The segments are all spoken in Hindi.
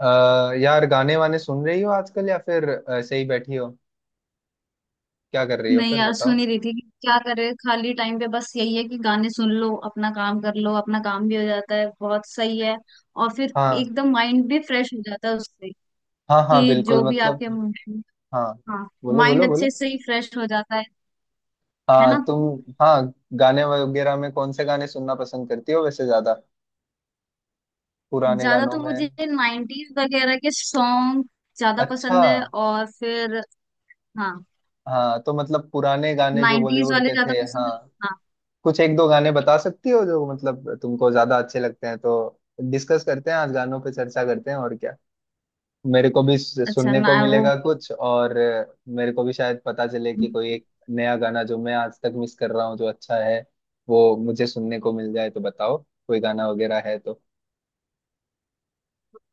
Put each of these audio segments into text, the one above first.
यार, गाने वाने सुन रही हो आजकल? या फिर ऐसे ही बैठी हो? क्या कर रही हो नहीं फिर यार, सुन बताओ। ही रही थी कि क्या करे। खाली टाइम पे बस यही है कि गाने सुन लो, अपना काम कर लो। अपना काम भी हो जाता है, बहुत सही है। और फिर हाँ। एकदम माइंड भी फ्रेश हो जाता है उससे। हाँ, हाँ, कि बिल्कुल जो भी मतलब। आपके mind-। हाँ, हाँ, बोलो बोलो माइंड अच्छे बोलो। से ही फ्रेश हो जाता है हाँ, ना। तुम। हाँ। गाने वगैरह में कौन से गाने सुनना पसंद करती हो वैसे ज्यादा? पुराने ज्यादा गानों तो में? मुझे नाइन्टीज वगैरह के सॉन्ग ज्यादा अच्छा। पसंद है। और फिर हाँ, हाँ, तो मतलब पुराने गाने जो नाइन्टीज बॉलीवुड वाले के थे, ज्यादा पसंद है। हाँ। हाँ, कुछ एक दो गाने बता सकती हो जो मतलब तुमको ज्यादा अच्छे लगते हैं, तो डिस्कस करते हैं। आज गानों पे चर्चा करते हैं और क्या। मेरे को भी अच्छा सुनने ना, को वो मिलेगा कुछ और। मेरे को भी शायद पता चले कि कोई एक नया गाना जो मैं आज तक मिस कर रहा हूँ जो अच्छा है, वो मुझे सुनने को मिल जाए तो बताओ। कोई गाना वगैरह है तो,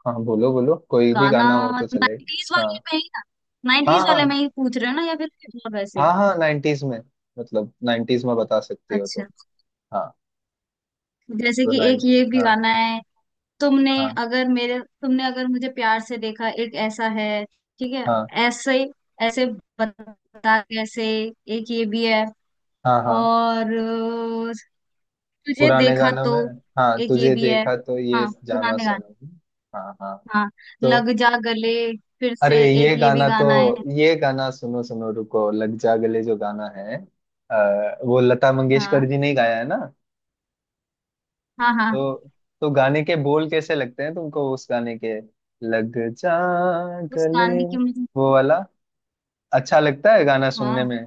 हाँ, बोलो बोलो, कोई भी गाना गाना हो तो चले। नाइन्टीज वाले हाँ, में ही ना। हाँ। नाइन्टीज वाले हाँ, में ही पूछ रहे हो ना, या फिर कुछ और वैसे। हाँ, हाँ, नाइन्टीज में। मतलब नाइन्टीज में बता सकती हो तुम? अच्छा, हाँ। जैसे तो कि एक नाइन ये भी हाँ, गाना है। तुमने हाँ, अगर मेरे, तुमने अगर मुझे प्यार से देखा, एक ऐसा है। ठीक है। हाँ, ऐसे, ऐसे बता, कैसे। एक ये भी है। हाँ, हाँ। और अ, तुझे पुराने देखा गानों तो, में। हाँ, एक ये तुझे भी है। देखा तो ये हाँ, जाना पुराने गाने। सनम। हाँ, हाँ। हाँ, तो लग जा गले, फिर अरे, से एक ये भी गाना है। ये गाना सुनो सुनो, रुको। लग जा गले जो गाना है, वो लता मंगेशकर हाँ, जी ने ही गाया है ना? हाँ, हाँ। तो तो गाने के बोल कैसे लगते हैं तुमको उस गाने के? लग जा उस गले, गाने की मुझे, वो वाला। अच्छा लगता है गाना सुनने हाँ, में।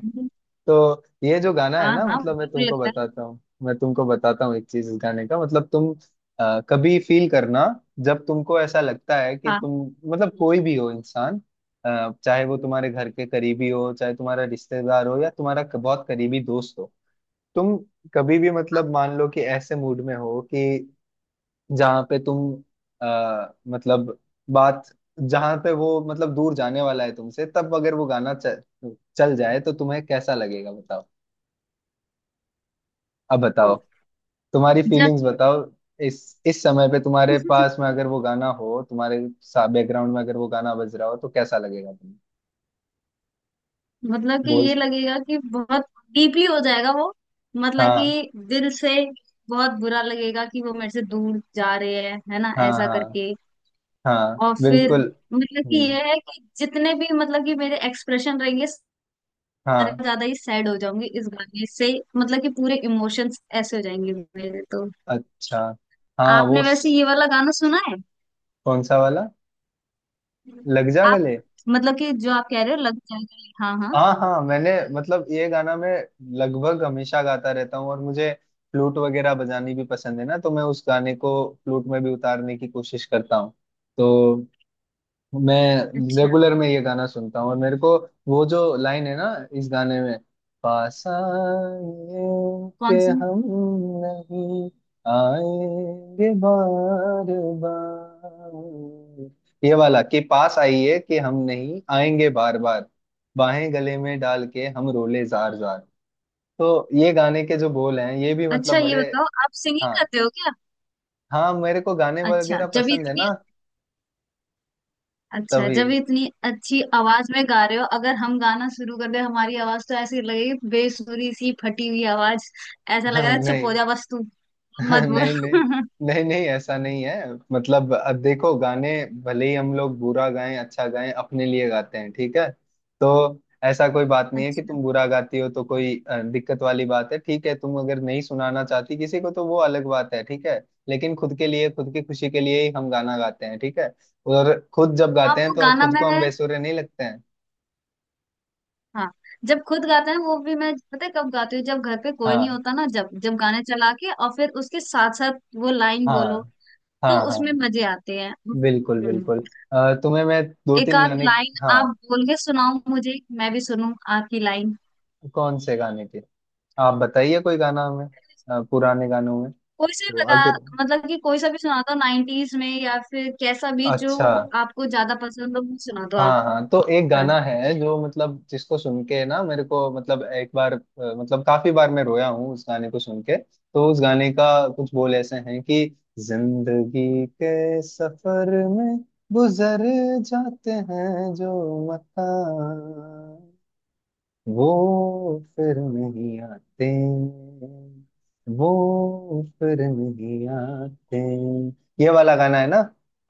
तो ये जो गाना है हाँ, ना, हाँ मतलब, मैं बिल्कुल तुमको लगता है। बताता हूँ मैं तुमको बताता हूँ एक चीज। इस गाने का मतलब तुम कभी फील करना। जब तुमको ऐसा लगता है कि हाँ। तुम, मतलब, कोई भी हो इंसान, चाहे वो तुम्हारे घर के करीबी हो, चाहे तुम्हारा रिश्तेदार हो या तुम्हारा बहुत करीबी दोस्त हो। तुम कभी भी, मतलब, मान लो कि ऐसे मूड में हो कि जहाँ पे तुम मतलब बात, जहाँ पे वो मतलब दूर जाने वाला है तुमसे, तब अगर वो गाना चल जाए तो तुम्हें कैसा लगेगा बताओ। अब बताओ। और तुम्हारी जब फीलिंग्स बताओ। इस इस समय पे तुम्हारे पास में अगर वो गाना हो, तुम्हारे बैकग्राउंड में अगर वो गाना बज रहा हो तो कैसा लगेगा तुम्हें? मतलब कि बोल। ये लगेगा कि बहुत डीपली हो जाएगा वो। मतलब हाँ, कि दिल से बहुत बुरा लगेगा कि वो मेरे से दूर जा रहे हैं, है ना, हाँ। ऐसा हाँ, करके। हाँ, और फिर बिल्कुल। मतलब कि हम्म, ये है कि जितने भी, मतलब कि मेरे एक्सप्रेशन रहेंगे सारे, हाँ। ज्यादा ही सैड हो जाऊंगी इस गाने से। मतलब कि पूरे इमोशंस ऐसे हो जाएंगे मेरे तो। अच्छा। हाँ, वो आपने वैसे ये वाला गाना सुना है? कौन सा वाला? लग जा आप, गले? मतलब कि जो आप कह रहे हो, लग जाएगा, हाँ हाँ। हाँ, हाँ, मैंने मतलब ये गाना मैं लगभग हमेशा गाता रहता हूँ, और मुझे फ्लूट वगैरह बजानी भी पसंद है ना, तो मैं उस गाने को फ्लूट में भी उतारने की कोशिश करता हूँ। तो मैं अच्छा, रेगुलर में ये गाना सुनता हूँ, और मेरे को वो जो लाइन है ना इस गाने में, "पास आए के कौन सी। हम नहीं आएंगे बार बार", ये वाला कि "पास आइए कि हम नहीं आएंगे बार बार, बाहें गले में डाल के हम रोले जार जार", तो ये गाने के जो बोल हैं ये भी अच्छा, मतलब ये बड़े। बताओ, आप सिंगिंग हाँ, करते हो क्या? हाँ, मेरे को गाने अच्छा वगैरह जब पसंद है इतनी, ना, अच्छा तभी। जब इतनी अच्छी आवाज में गा रहे हो, अगर हम गाना शुरू कर दे, हमारी आवाज तो ऐसी लगेगी, बेसुरी सी फटी हुई आवाज। ऐसा लग रहा है, चुप हो नहीं। जा बस तू, मत बोल नहीं, नहीं। नहीं, नहीं ऐसा नहीं है। मतलब, देखो, गाने भले ही हम लोग बुरा गाएं, अच्छा गाएं, अपने लिए गाते हैं, ठीक है। तो ऐसा कोई बात नहीं है कि अच्छा। तुम बुरा गाती हो तो कोई दिक्कत वाली बात है, ठीक है। तुम अगर नहीं सुनाना चाहती किसी को तो वो अलग बात है, ठीक है। लेकिन खुद के लिए, खुद की खुशी के लिए ही हम गाना गाते हैं, ठीक है। और खुद जब हाँ, गाते हैं वो तो गाना खुद को मैं, हम बेसुरे नहीं लगते हैं। हाँ जब खुद गाते हैं, वो भी मैं पता है कब गाती हूँ, जब घर पे कोई नहीं हाँ, होता ना, जब जब गाने चला के और फिर उसके साथ साथ वो लाइन बोलो, हाँ। हाँ, तो उसमें हाँ, मजे आते हैं। बिल्कुल, हम्म। बिल्कुल। तुम्हें मैं दो एक तीन आध गाने। लाइन आप हाँ, बोल के सुनाओ मुझे, मैं भी सुनूं आपकी लाइन। कौन से गाने की? आप बताइए कोई गाना हमें। पुराने गानों में कोई से तो बता, अगर, मतलब कि कोई सा भी सुना दो नाइनटीज में, या फिर कैसा भी जो अच्छा। आपको ज्यादा पसंद हो, वो सुना दो आप। हाँ, हाँ, तो एक हाँ, गाना है जो मतलब जिसको सुन के ना मेरे को, मतलब, एक बार, मतलब काफी बार मैं रोया हूँ उस गाने को सुन के, तो उस गाने का कुछ बोल ऐसे हैं कि "जिंदगी के सफर में गुजर जाते हैं जो मता वो फिर नहीं आते, वो फिर नहीं आते"। ये वाला गाना है ना।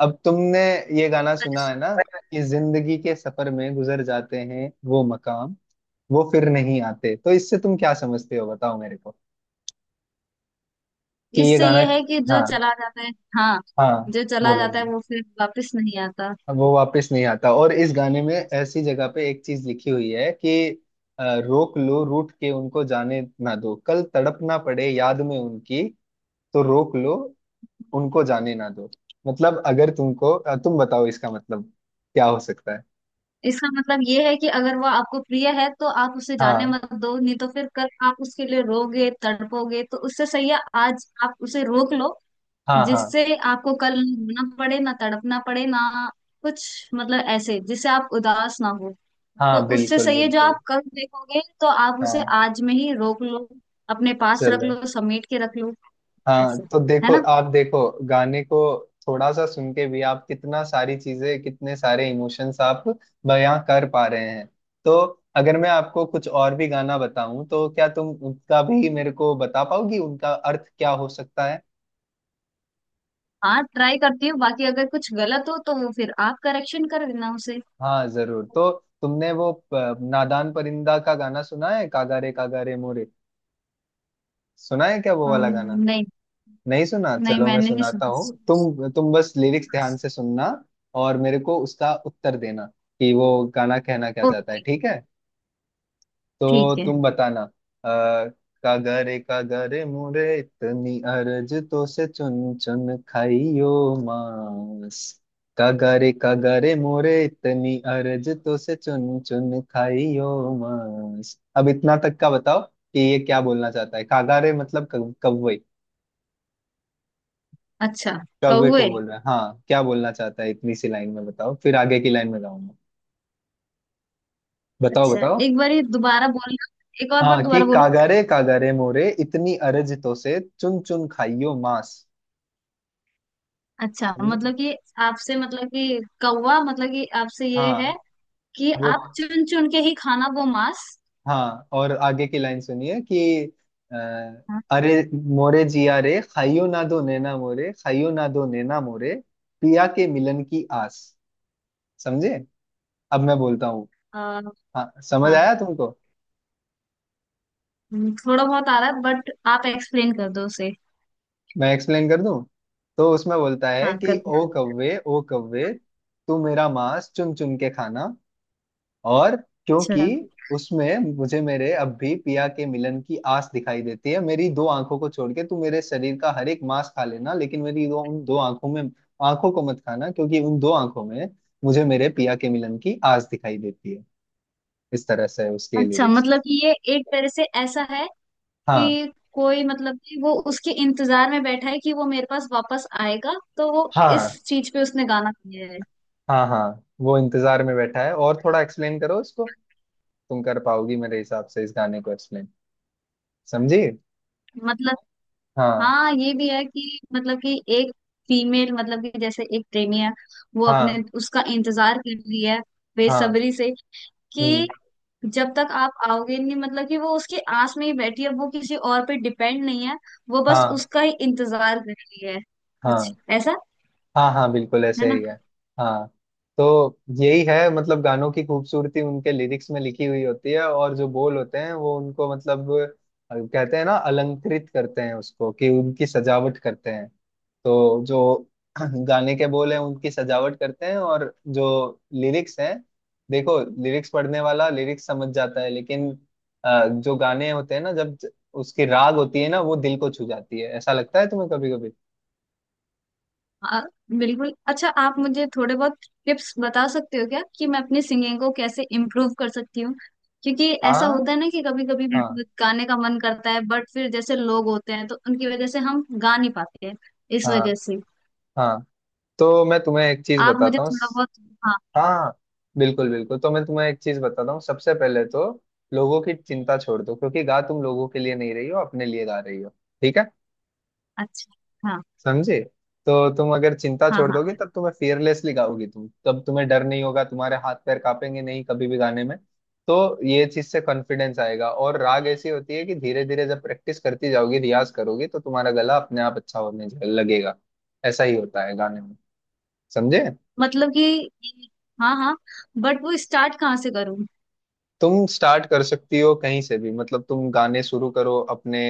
अब तुमने ये गाना सुना है ना कि "जिंदगी के सफर में गुजर जाते हैं वो मकाम, वो फिर नहीं आते"? तो इससे तुम क्या समझते हो बताओ मेरे को कि ये इससे गाना। ये है कि जो हाँ, चला जाता है, हाँ, हाँ, जो चला बोलो। जाता है वो फिर वापस नहीं आता। अब वो वापस नहीं आता, और इस गाने में ऐसी जगह पे एक चीज लिखी हुई है कि "रोक लो रूठ के उनको, जाने ना दो, कल तड़पना पड़े याद में उनकी"। तो रोक लो, उनको जाने ना दो, मतलब अगर तुमको तुम बताओ इसका मतलब क्या हो सकता है? इसका मतलब ये है कि अगर वो आपको प्रिय है तो आप उसे जाने हाँ, मत दो, नहीं तो फिर कल आप उसके लिए रोगे, तड़पोगे। तो उससे सही है आज आप उसे रोक लो, हाँ। हाँ, जिससे आपको कल ना रोना पड़े, ना तड़पना पड़े, ना कुछ, मतलब ऐसे जिससे आप उदास ना हो। तो हाँ, उससे बिल्कुल, सही है जो बिल्कुल। आप कल देखोगे, तो आप उसे हाँ, आज में ही रोक लो, अपने पास रख चलो। लो, समेट के रख लो। हाँ, ऐसे, तो है देखो, ना। आप देखो गाने को थोड़ा सा सुन के भी आप कितना सारी चीजें, कितने सारे इमोशंस आप बयां कर पा रहे हैं। तो अगर मैं आपको कुछ और भी गाना बताऊं तो क्या तुम उनका भी मेरे को बता पाओगी उनका अर्थ क्या हो सकता है? हाँ, ट्राई करती हूँ, बाकी अगर कुछ गलत हो तो वो फिर आप करेक्शन कर देना उसे। हाँ, जरूर। तो तुमने वो नादान परिंदा का गाना सुना है, "कागारे कागारे मोरे"? सुना है क्या वो वाला गाना? नहीं, नहीं सुना? नहीं, चलो, मैं मैंने नहीं सुनाता सुना। हूँ, तुम बस लिरिक्स ध्यान से सुनना और मेरे को उसका उत्तर देना कि वो गाना कहना क्या चाहता है, ओके, ठीक है। तो ठीक है। तुम बताना। अ, "कागरे कागरे मोरे, इतनी अर्ज तो से, चुन चुन खाइयो मांस"। "कागरे कागरे मोरे, इतनी अर्ज तो से, चुन चुन खाइयो मांस"। अब इतना तक का बताओ कि ये क्या बोलना चाहता है। कागारे मतलब कौवे। अच्छा, कौवे को कौए। बोल रहा है। हाँ, क्या बोलना चाहता है इतनी सी लाइन में बताओ, फिर आगे की लाइन में गाऊंगा। बताओ अच्छा बताओ। एक बार दोबारा बोलना, एक और बार हाँ कि दोबारा बोलो। "कागारे कागारे मोरे, इतनी अरज तो से, चुन चुन खाइयो मांस"। अच्छा, समझे? मतलब कि आपसे, मतलब कि कौवा, मतलब कि आपसे ये है हाँ, कि वो। आप चुन चुन के ही खाना वो मांस। हाँ, और आगे की लाइन सुनिए कि अ, हाँ, "अरे मोरे जिया रे, खाइयो ना दो नैना मोरे, खाइयो ना दो नैना मोरे, पिया के मिलन की आस"। समझे? अब मैं बोलता हूँ। अ, हाँ, समझ हाँ। आया तुमको? थोड़ा बहुत आ रहा है, बट आप एक्सप्लेन कर दो उसे, मैं एक्सप्लेन कर दूं तो उसमें बोलता है हाँ कर कि दो। "ओ कव्वे, ओ कव्वे, तू मेरा मांस चुन चुन के खाना", और क्योंकि अच्छा। उसमें मुझे मेरे अब भी पिया के मिलन की आस दिखाई देती है, मेरी दो आंखों को छोड़ के तू मेरे शरीर का हर एक मांस खा लेना, लेकिन मेरी दो, उन दो आंखों में, आंखों को मत खाना, क्योंकि उन दो आंखों में मुझे मेरे पिया के मिलन की आस दिखाई देती है। इस तरह से है उसके अच्छा लिरिक्स। मतलब कि ये एक तरह से ऐसा है हाँ, कि कोई, मतलब कि वो उसके इंतजार में बैठा है कि वो मेरे पास वापस आएगा, तो वो हाँ। इस चीज पे उसने गाना गाया है। हाँ, हाँ, वो इंतजार में बैठा है, और थोड़ा एक्सप्लेन करो इसको, तुम कर पाओगी मेरे हिसाब से इस गाने को एक्सप्लेन। समझी? मतलब, हाँ, हाँ ये भी है कि मतलब कि एक फीमेल, मतलब कि जैसे एक प्रेमी है, वो अपने, हाँ। उसका इंतजार कर रही है हाँ, बेसब्री से, कि हम्म। जब तक आप आओगे नहीं, मतलब कि वो उसकी आस में ही बैठी है, वो किसी और पे डिपेंड नहीं है। वो बस हाँ, उसका ही इंतजार कर रही है, कुछ हाँ। ऐसा। हाँ, हाँ, बिल्कुल है ऐसे ही ना। है। हाँ। तो यही है, मतलब, गानों की खूबसूरती उनके लिरिक्स में लिखी हुई होती है, और जो बोल होते हैं वो उनको, मतलब, कहते हैं ना, अलंकृत करते हैं उसको कि उनकी सजावट करते हैं। तो जो गाने के बोल हैं उनकी सजावट करते हैं, और जो लिरिक्स हैं, देखो, लिरिक्स पढ़ने वाला लिरिक्स समझ जाता है, लेकिन जो गाने होते हैं ना, जब उसकी राग होती है ना, वो दिल को छू जाती है। ऐसा लगता है तुम्हें कभी कभी? हाँ, बिल्कुल। अच्छा, आप मुझे थोड़े बहुत टिप्स बता सकते हो क्या, कि मैं अपनी सिंगिंग को कैसे इम्प्रूव कर सकती हूँ? क्योंकि ऐसा होता हाँ, है ना कि कभी कभी हाँ। गाने का मन करता है, बट फिर जैसे लोग होते हैं तो उनकी वजह से हम गा नहीं पाते हैं, इस हाँ, वजह से। हाँ, तो मैं तुम्हें एक चीज आप मुझे बताता हूँ। थोड़ा बहुत, हाँ। हाँ, बिल्कुल, बिल्कुल, तो मैं तुम्हें एक चीज बताता हूँ। सबसे पहले तो लोगों की चिंता छोड़ दो, क्योंकि गा तुम लोगों के लिए नहीं रही हो, अपने लिए गा रही हो, ठीक है। अच्छा, हाँ, समझे? तो तुम अगर चिंता हाँ, छोड़ हाँ। दोगे तब तुम्हें फियरलेसली गाओगी तुम, तब तुम्हें डर नहीं होगा, तुम्हारे हाथ पैर कांपेंगे नहीं कभी भी गाने में। तो ये चीज से कॉन्फिडेंस आएगा, और राग ऐसी होती है कि धीरे धीरे जब प्रैक्टिस करती जाओगी, रियाज करोगी, तो तुम्हारा गला अपने आप अच्छा होने लगेगा। ऐसा ही होता है गाने में। समझे? मतलब कि, हाँ हाँ, बट वो स्टार्ट कहाँ से करूँ? तुम स्टार्ट कर सकती हो कहीं से भी, मतलब तुम गाने शुरू करो अपने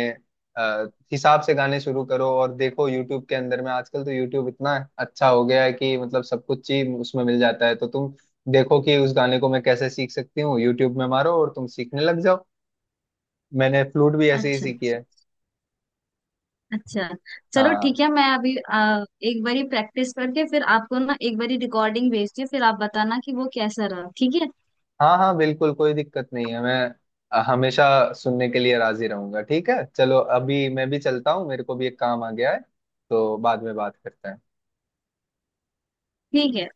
अ, हिसाब से गाने शुरू करो, और देखो, यूट्यूब के अंदर में आजकल तो यूट्यूब इतना अच्छा हो गया है कि मतलब सब कुछ ही उसमें मिल जाता है। तो तुम देखो कि उस गाने को मैं कैसे सीख सकती हूँ, यूट्यूब में मारो, और तुम सीखने लग जाओ। मैंने फ्लूट भी ऐसे ही अच्छा। सीखी है। अच्छा, चलो हाँ, ठीक है, मैं अभी एक बारी प्रैक्टिस करके फिर आपको ना एक बारी रिकॉर्डिंग भेजती हूँ, फिर आप बताना कि वो कैसा रहा। ठीक है। हाँ। हाँ, बिल्कुल, कोई दिक्कत नहीं है, मैं हमेशा सुनने के लिए राजी रहूंगा। ठीक है, चलो अभी मैं भी चलता हूँ, मेरे को भी एक काम आ गया है, तो बाद में बात करते हैं। ठीक है।